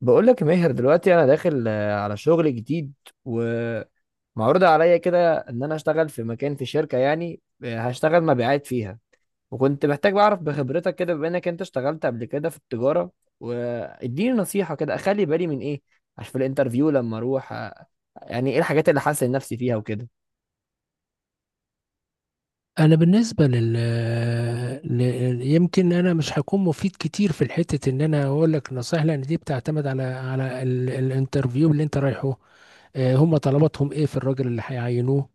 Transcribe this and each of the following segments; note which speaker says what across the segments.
Speaker 1: بقول لك يا ماهر دلوقتي انا داخل، على شغل جديد ومعروض عليا كده ان انا اشتغل في مكان في شركة، يعني هشتغل مبيعات فيها. وكنت محتاج بعرف بخبرتك كده بما انك انت اشتغلت قبل كده في التجارة، واديني نصيحة كده اخلي بالي من ايه عشان في الانترفيو لما اروح يعني ايه الحاجات اللي حاسس نفسي فيها وكده.
Speaker 2: انا بالنسبه ل... يمكن انا مش هكون مفيد كتير في الحته ان انا اقول لك نصيحه، لان دي بتعتمد على الانترفيو اللي انت رايحه. هم طلباتهم ايه في الراجل اللي هيعينوه؟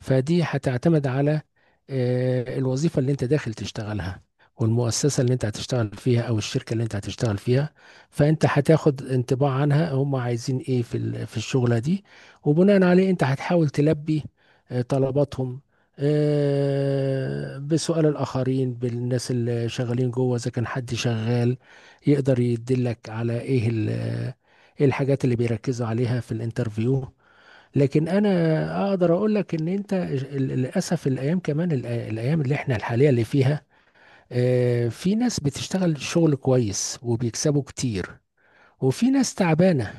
Speaker 2: فدي هتعتمد على الوظيفة اللي انت داخل تشتغلها، والمؤسسة اللي انت هتشتغل فيها او الشركة اللي انت هتشتغل فيها. فانت هتاخد انطباع عنها، هم عايزين ايه في في الشغلة دي، وبناء عليه انت هتحاول تلبي طلباتهم بسؤال الآخرين، بالناس اللي شغالين جوه، إذا كان حد شغال يقدر يدلك على إيه إيه الحاجات اللي بيركزوا عليها في الانترفيو. لكن انا اقدر اقول لك ان انت للاسف الايام، كمان الايام اللي احنا الحاليه اللي فيها في ناس بتشتغل شغل كويس وبيكسبوا كتير، وفي ناس تعبانه.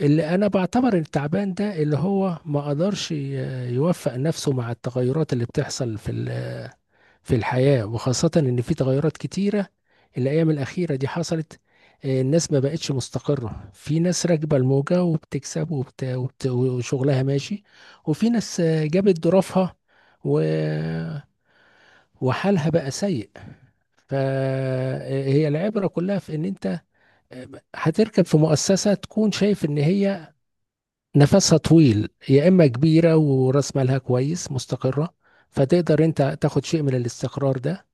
Speaker 2: اللي انا بعتبر التعبان ده اللي هو ما قدرش يوفق نفسه مع التغيرات اللي بتحصل في الحياة، وخاصة إن في تغيرات كتيرة الأيام الأخيرة دي حصلت. الناس ما بقتش مستقرة، في ناس راكبة الموجة وبتكسب وشغلها ماشي، وفي ناس جابت ظروفها و... وحالها بقى سيء. فهي العبرة كلها في إن أنت آه، هتركب في مؤسسة تكون شايف إن هي نفسها طويل، يا إما كبيرة ورأس مالها كويس مستقرة، فتقدر أنت تاخد شيء من الاستقرار ده،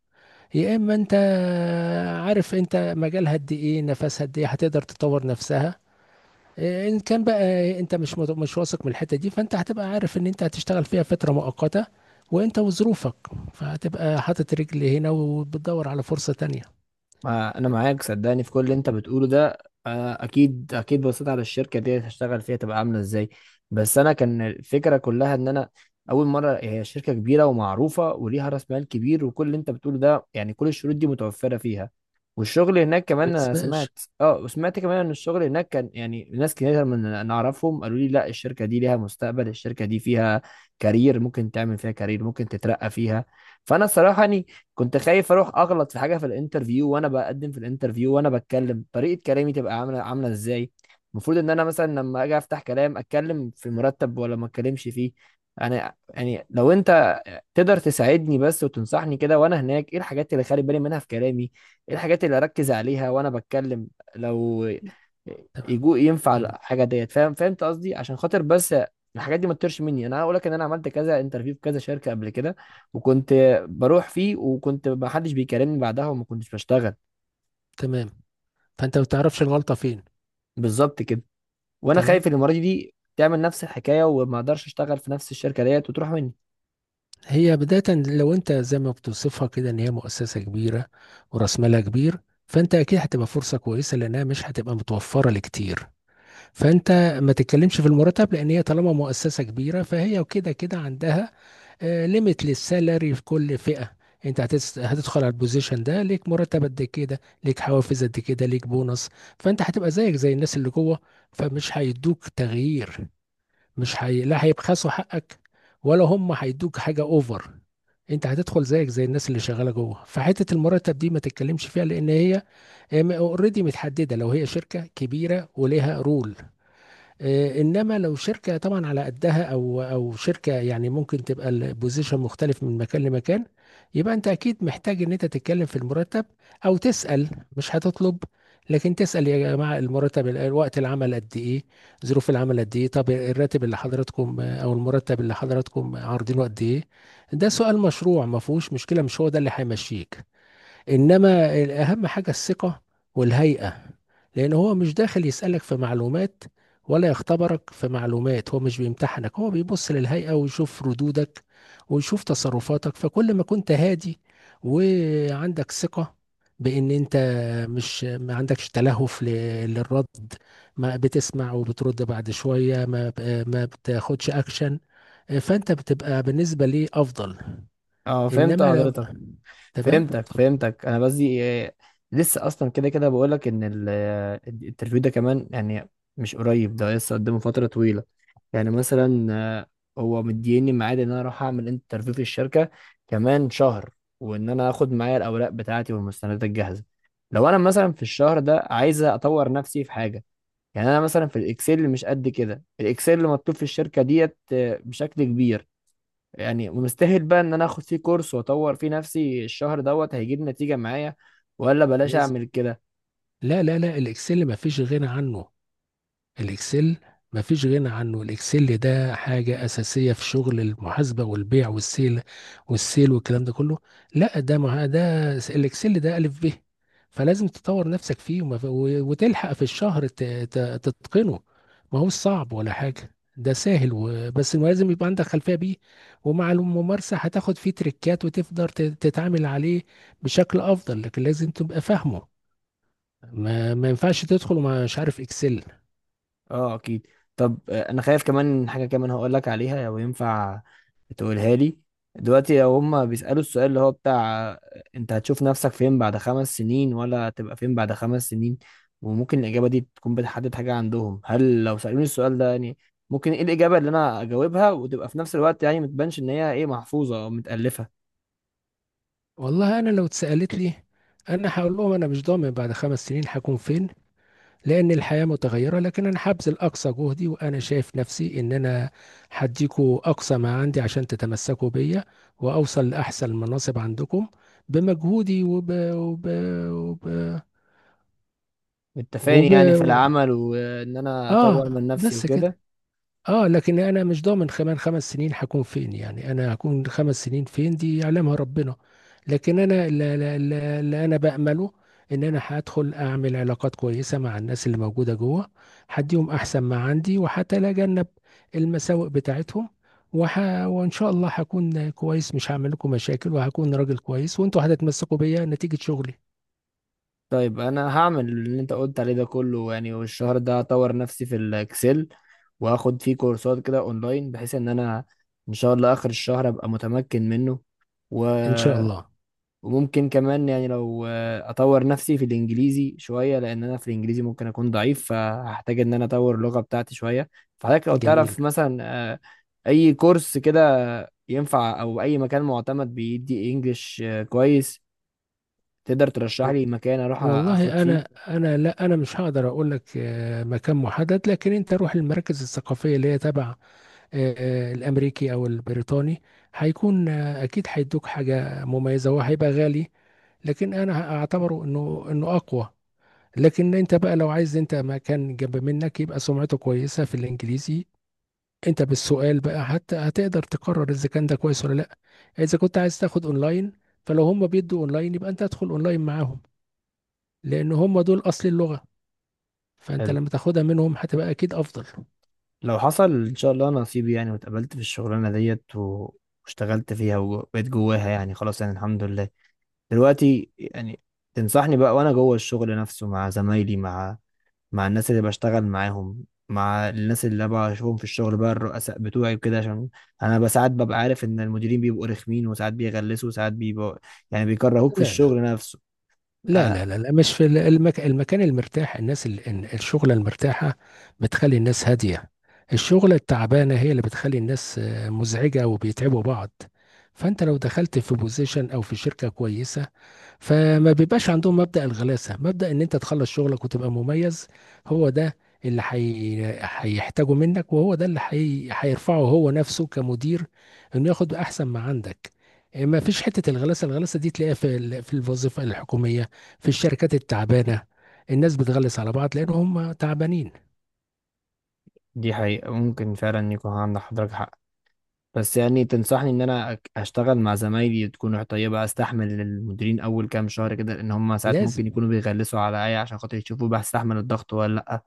Speaker 2: يا اما انت عارف انت مجالها قد ايه، نفسها قد ايه، هتقدر تطور نفسها. ان كان بقى انت مش واثق من الحته دي، فانت هتبقى عارف ان انت هتشتغل فيها فتره مؤقته، وانت وظروفك، فهتبقى حاطط رجل هنا وبتدور على فرصه تانية.
Speaker 1: ما انا معاك صدقني في كل اللي انت بتقوله ده. اكيد اكيد بصيت على الشركه دي هشتغل فيها تبقى عامله ازاي. بس انا كان الفكره كلها ان انا اول مره هي شركه كبيره ومعروفه وليها راس مال كبير، وكل اللي انت بتقوله ده يعني كل الشروط دي متوفره فيها. والشغل هناك
Speaker 2: ما
Speaker 1: كمان انا
Speaker 2: تسيبهاش.
Speaker 1: سمعت وسمعت كمان ان الشغل هناك كان، يعني ناس كتير من انا اعرفهم قالوا لي لا، الشركه دي ليها مستقبل، الشركه دي فيها كارير، ممكن تعمل فيها كارير، ممكن تترقى فيها. فانا صراحه يعني كنت خايف اروح اغلط في حاجه في الانترفيو، وانا بقدم في الانترفيو وانا بتكلم طريقه كلامي تبقى عامله ازاي. المفروض ان انا مثلا لما اجي افتح كلام اتكلم في مرتب ولا ما اتكلمش فيه؟ انا يعني لو انت تقدر تساعدني بس وتنصحني كده وانا هناك ايه الحاجات اللي خلي بالي منها في كلامي، ايه الحاجات اللي اركز عليها وانا بتكلم. لو
Speaker 2: تمام.
Speaker 1: يجو ينفع
Speaker 2: تمام.
Speaker 1: الحاجه ديت، فهمت قصدي؟ عشان خاطر بس الحاجات دي ما تطيرش مني. انا هقول لك ان انا عملت كذا انترفيو في كذا شركه قبل كده، وكنت بروح فيه وكنت ما حدش بيكلمني بعدها وما كنتش بشتغل.
Speaker 2: تمام. فانت ما بتعرفش الغلطه فين.
Speaker 1: بالظبط كده. وانا
Speaker 2: تمام.
Speaker 1: خايف إن المره دي تعمل نفس الحكايه وما اقدرش اشتغل في نفس الشركه ديت وتروح مني.
Speaker 2: هي بدايه، لو انت زي ما بتوصفها كده ان هي مؤسسه كبيره وراس مالها كبير، فانت اكيد هتبقى فرصه كويسه لانها مش هتبقى متوفره لكتير. فانت ما تتكلمش في المرتب، لان هي طالما مؤسسه كبيره فهي وكده كده عندها ليميت للسالري في كل فئه. انت هتدخل على البوزيشن ده، ليك مرتب قد كده، ليك حوافز قد كده، ليك بونص. فانت هتبقى زيك زي الناس اللي جوه، فمش هيدوك تغيير، مش هي... لا هيبخسوا حقك، ولا هم هيدوك حاجه اوفر. انت هتدخل زيك زي الناس اللي شغاله جوه، فحته المرتب دي ما تتكلمش فيها، لان هي اوريدي متحدده، لو هي شركه كبيره وليها رول. انما لو شركه طبعا على قدها، او شركه يعني ممكن تبقى البوزيشن مختلف من مكان لمكان، يبقى انت اكيد محتاج ان انت تتكلم في المرتب او تسال. مش هتطلب، لكن تسال يا جماعه، المرتب، الوقت، العمل قد ايه، ظروف العمل قد ايه، طب الراتب اللي حضراتكم او المرتب اللي حضراتكم عارضينه قد ايه. ده سؤال مشروع، ما فيهوش مشكله، مش هو ده اللي هيمشيك. انما اهم حاجه الثقه والهيئه، لأن هو مش داخل يسألك في معلومات، ولا يختبرك في معلومات، هو مش بيمتحنك، هو بيبص للهيئة ويشوف ردودك ويشوف تصرفاتك. فكل ما كنت هادي، وعندك ثقة بأن أنت مش ما عندكش تلهف للرد، ما بتسمع وبترد بعد شوية، ما بتاخدش أكشن، فأنت بتبقى بالنسبة لي أفضل.
Speaker 1: اه، فهمت
Speaker 2: إنما لو
Speaker 1: حضرتك.
Speaker 2: تمام،
Speaker 1: فهمتك
Speaker 2: اتفضل.
Speaker 1: فهمتك انا قصدي إيه، لسه اصلا كده كده بقول لك ان الانترفيو ده كمان، يعني مش قريب، ده لسه قدامه فتره طويله. يعني مثلا آه، هو مديني ميعاد ان انا اروح اعمل انترفيو في الشركه كمان شهر، وان انا اخد معايا الاوراق بتاعتي والمستندات الجاهزه. لو انا مثلا في الشهر ده عايز اطور نفسي في حاجه، يعني انا مثلا في الاكسل مش قد كده، الاكسل مطلوب في الشركه ديت بشكل كبير. يعني مستاهل بقى ان انا اخد فيه كورس واطور فيه نفسي الشهر دوت؟ هيجيب نتيجة معايا ولا بلاش
Speaker 2: لازم.
Speaker 1: اعمل كده؟
Speaker 2: لا لا لا، الإكسل ما فيش غنى عنه. الاكسل مفيش غنى عنه، الاكسل ده حاجة اساسية في شغل المحاسبة والبيع والسيل والكلام ده كله. لا ده مع ده الاكسل ده الف ب. فلازم تطور نفسك فيه، وتلحق في الشهر تتقنه. ما هو صعب ولا حاجة، ده سهل بس ما لازم يبقى عندك خلفية بيه. ومع الممارسة هتاخد فيه تريكات، وتقدر تتعامل عليه بشكل افضل، لكن لازم تبقى فاهمه. ما ينفعش تدخل ومش عارف اكسل.
Speaker 1: اه اكيد. طب انا خايف كمان من حاجة كمان هقول لك عليها لو ينفع تقولها لي. دلوقتي لو هما بيسألوا السؤال اللي هو بتاع انت هتشوف نفسك فين بعد 5 سنين، ولا تبقى فين بعد 5 سنين؟ وممكن الإجابة دي تكون بتحدد حاجة عندهم. هل لو سألوني السؤال ده، يعني ممكن ايه الإجابة اللي انا اجاوبها وتبقى في نفس الوقت يعني ما تبانش ان هي ايه، محفوظة او متألفة؟
Speaker 2: والله انا لو اتسالت لي، انا هقول لهم انا مش ضامن بعد خمس سنين هكون فين. لان الحياه متغيره، لكن انا هبذل اقصى جهدي، وانا شايف نفسي ان انا هديكوا اقصى ما عندي عشان تتمسكوا بيا، واوصل لاحسن مناصب عندكم بمجهودي وب, وب...
Speaker 1: متفقين يعني في العمل وان انا اطور
Speaker 2: اه
Speaker 1: من نفسي
Speaker 2: بس
Speaker 1: وكده.
Speaker 2: كده. اه، لكن انا مش ضامن كمان خمس سنين هكون فين، يعني انا هكون خمس سنين فين دي يعلمها ربنا. لكن انا اللي انا بأمله ان انا هدخل اعمل علاقات كويسة مع الناس اللي موجودة جوه، هديهم احسن ما عندي، وهتجنب المساوئ بتاعتهم وح... وان شاء الله هكون كويس، مش هعمل لكم مشاكل، وهكون راجل كويس، وانتوا هتتمسكوا بيا نتيجة شغلي.
Speaker 1: طيب انا هعمل اللي انت قلت عليه ده كله يعني. والشهر ده هطور نفسي في الاكسل واخد فيه كورسات كده اونلاين، بحيث ان انا ان شاء الله اخر الشهر ابقى متمكن منه. و...
Speaker 2: ان شاء الله.
Speaker 1: وممكن كمان يعني لو اطور نفسي في الانجليزي شويه، لان انا في الانجليزي ممكن اكون ضعيف، فهحتاج ان انا اطور اللغه بتاعتي شويه. فحضرتك لو
Speaker 2: جميل.
Speaker 1: تعرف مثلا آه، اي كورس كده ينفع، او اي مكان معتمد بيدي انجليش كويس، تقدر ترشح لي مكان اروح اخد
Speaker 2: والله
Speaker 1: فيه.
Speaker 2: انا مش هقدر اقول لك مكان محدد، لكن انت روح المراكز الثقافيه اللي هي تبع الامريكي او البريطاني. هيكون اكيد هيدوك حاجه مميزه وهيبقى غالي، لكن انا اعتبره انه اقوى. لكن انت بقى لو عايز انت مكان جنب منك يبقى سمعته كويسه في الانجليزي، انت بالسؤال بقى حتى هتقدر تقرر اذا كان ده كويس ولا لا. اذا كنت عايز تاخد اونلاين، فلو هم بيدوا اونلاين يبقى انت ادخل اونلاين معاهم، لان هم دول اصل اللغه. فأنت
Speaker 1: حلو.
Speaker 2: لما تاخدها منهم هتبقى أكيد أفضل.
Speaker 1: لو حصل ان شاء الله نصيب يعني واتقبلت في الشغلانه ديت واشتغلت فيها وبقيت جواها، يعني خلاص يعني الحمد لله. دلوقتي يعني تنصحني بقى وانا جوه الشغل نفسه مع زمايلي، مع الناس اللي بشتغل معاهم، مع الناس اللي انا بشوفهم في الشغل بقى، الرؤساء بتوعي وكده. عشان انا بقى ساعات ببقى عارف ان المديرين بيبقوا رخمين، وساعات بيغلسوا وساعات بيبقوا يعني
Speaker 2: لا،
Speaker 1: بيكرهوك في
Speaker 2: لا،
Speaker 1: الشغل
Speaker 2: لا،
Speaker 1: نفسه.
Speaker 2: لا،
Speaker 1: آه.
Speaker 2: لا، لا، لا، مش في ال المك المكان المرتاح، الناس ال ال الشُغلة المرتاحة بتخلّي الناس هادية، الشُغلة التعبانة هي اللي بتخلّي الناس مزعجة وبيتعبوا بعض. فأنت لو دخلت في position أو في شركة كويسة، فما بيبقاش عندهم مبدأ الغلاسة، مبدأ ان انت تخلص شغلك وتبقى مميز. هو ده اللي هيحتاجه منك، وهو ده اللي هيرفعه هو نفسه كمدير، انه ياخد احسن ما عندك. ما فيش حتة الغلاسة، الغلاسة دي تلاقيها في في الوظيفة الحكومية، في الشركات التعبانة، الناس بتغلس على بعض لان هم تعبانين.
Speaker 1: دي حقيقة ممكن فعلا يكون عند حضرتك حق. بس يعني تنصحني ان انا اشتغل مع زمايلي تكون طيبة، استحمل المديرين اول كام شهر كده، لان هم ساعات
Speaker 2: لازم.
Speaker 1: ممكن يكونوا بيغلسوا عليا عشان خاطر يشوفوا بستحمل الضغط ولا لا؟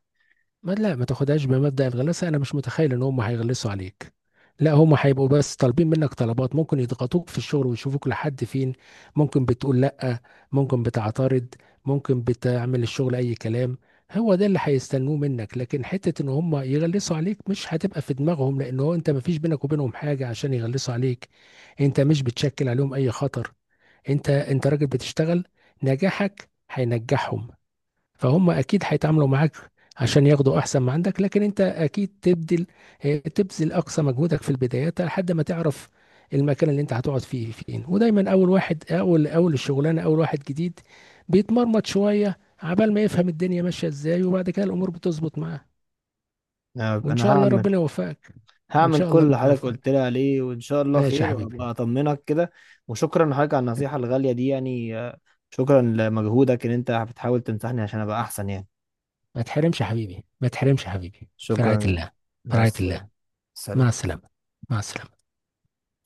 Speaker 2: ما تاخدهاش بمبدأ الغلاسة، انا مش متخيل ان هم هيغلسوا عليك. لا، هم هيبقوا بس طالبين منك طلبات، ممكن يضغطوك في الشغل ويشوفوك لحد فين، ممكن بتقول لا، ممكن بتعترض، ممكن بتعمل الشغل اي كلام. هو ده اللي هيستنوه منك، لكن حتة ان هم يغلسوا عليك مش هتبقى في دماغهم، لان هو انت ما فيش بينك وبينهم حاجة عشان يغلسوا عليك. انت مش بتشكل عليهم اي خطر، انت راجل بتشتغل، نجاحك هينجحهم، فهم اكيد هيتعاملوا معاك عشان ياخدوا احسن ما عندك. لكن انت اكيد تبذل، تبذل اقصى مجهودك في البدايات لحد ما تعرف المكان اللي انت هتقعد فيه فين. ودايما اول واحد، اول اول الشغلانه، اول واحد جديد بيتمرمط شويه عبال ما يفهم الدنيا ماشيه ازاي، وبعد كده الامور بتظبط معاه. وان
Speaker 1: انا
Speaker 2: شاء الله
Speaker 1: هعمل
Speaker 2: ربنا يوفقك. ان
Speaker 1: هعمل
Speaker 2: شاء
Speaker 1: كل
Speaker 2: الله
Speaker 1: اللي
Speaker 2: ربنا
Speaker 1: حضرتك قلت
Speaker 2: يوفقك.
Speaker 1: لي عليه وان شاء الله
Speaker 2: ماشي يا
Speaker 1: خير، وابقى
Speaker 2: حبيبي.
Speaker 1: اطمنك كده. وشكرا لحضرتك على النصيحة الغالية دي، يعني شكرا لمجهودك ان انت بتحاول تنصحني عشان ابقى احسن يعني.
Speaker 2: ما تحرمش يا حبيبي، ما تحرمش يا حبيبي، في رعايه
Speaker 1: شكرا.
Speaker 2: الله. في
Speaker 1: مع
Speaker 2: رعايه
Speaker 1: السلامة.
Speaker 2: الله.
Speaker 1: سلام.
Speaker 2: مع السلامه. مع السلامه.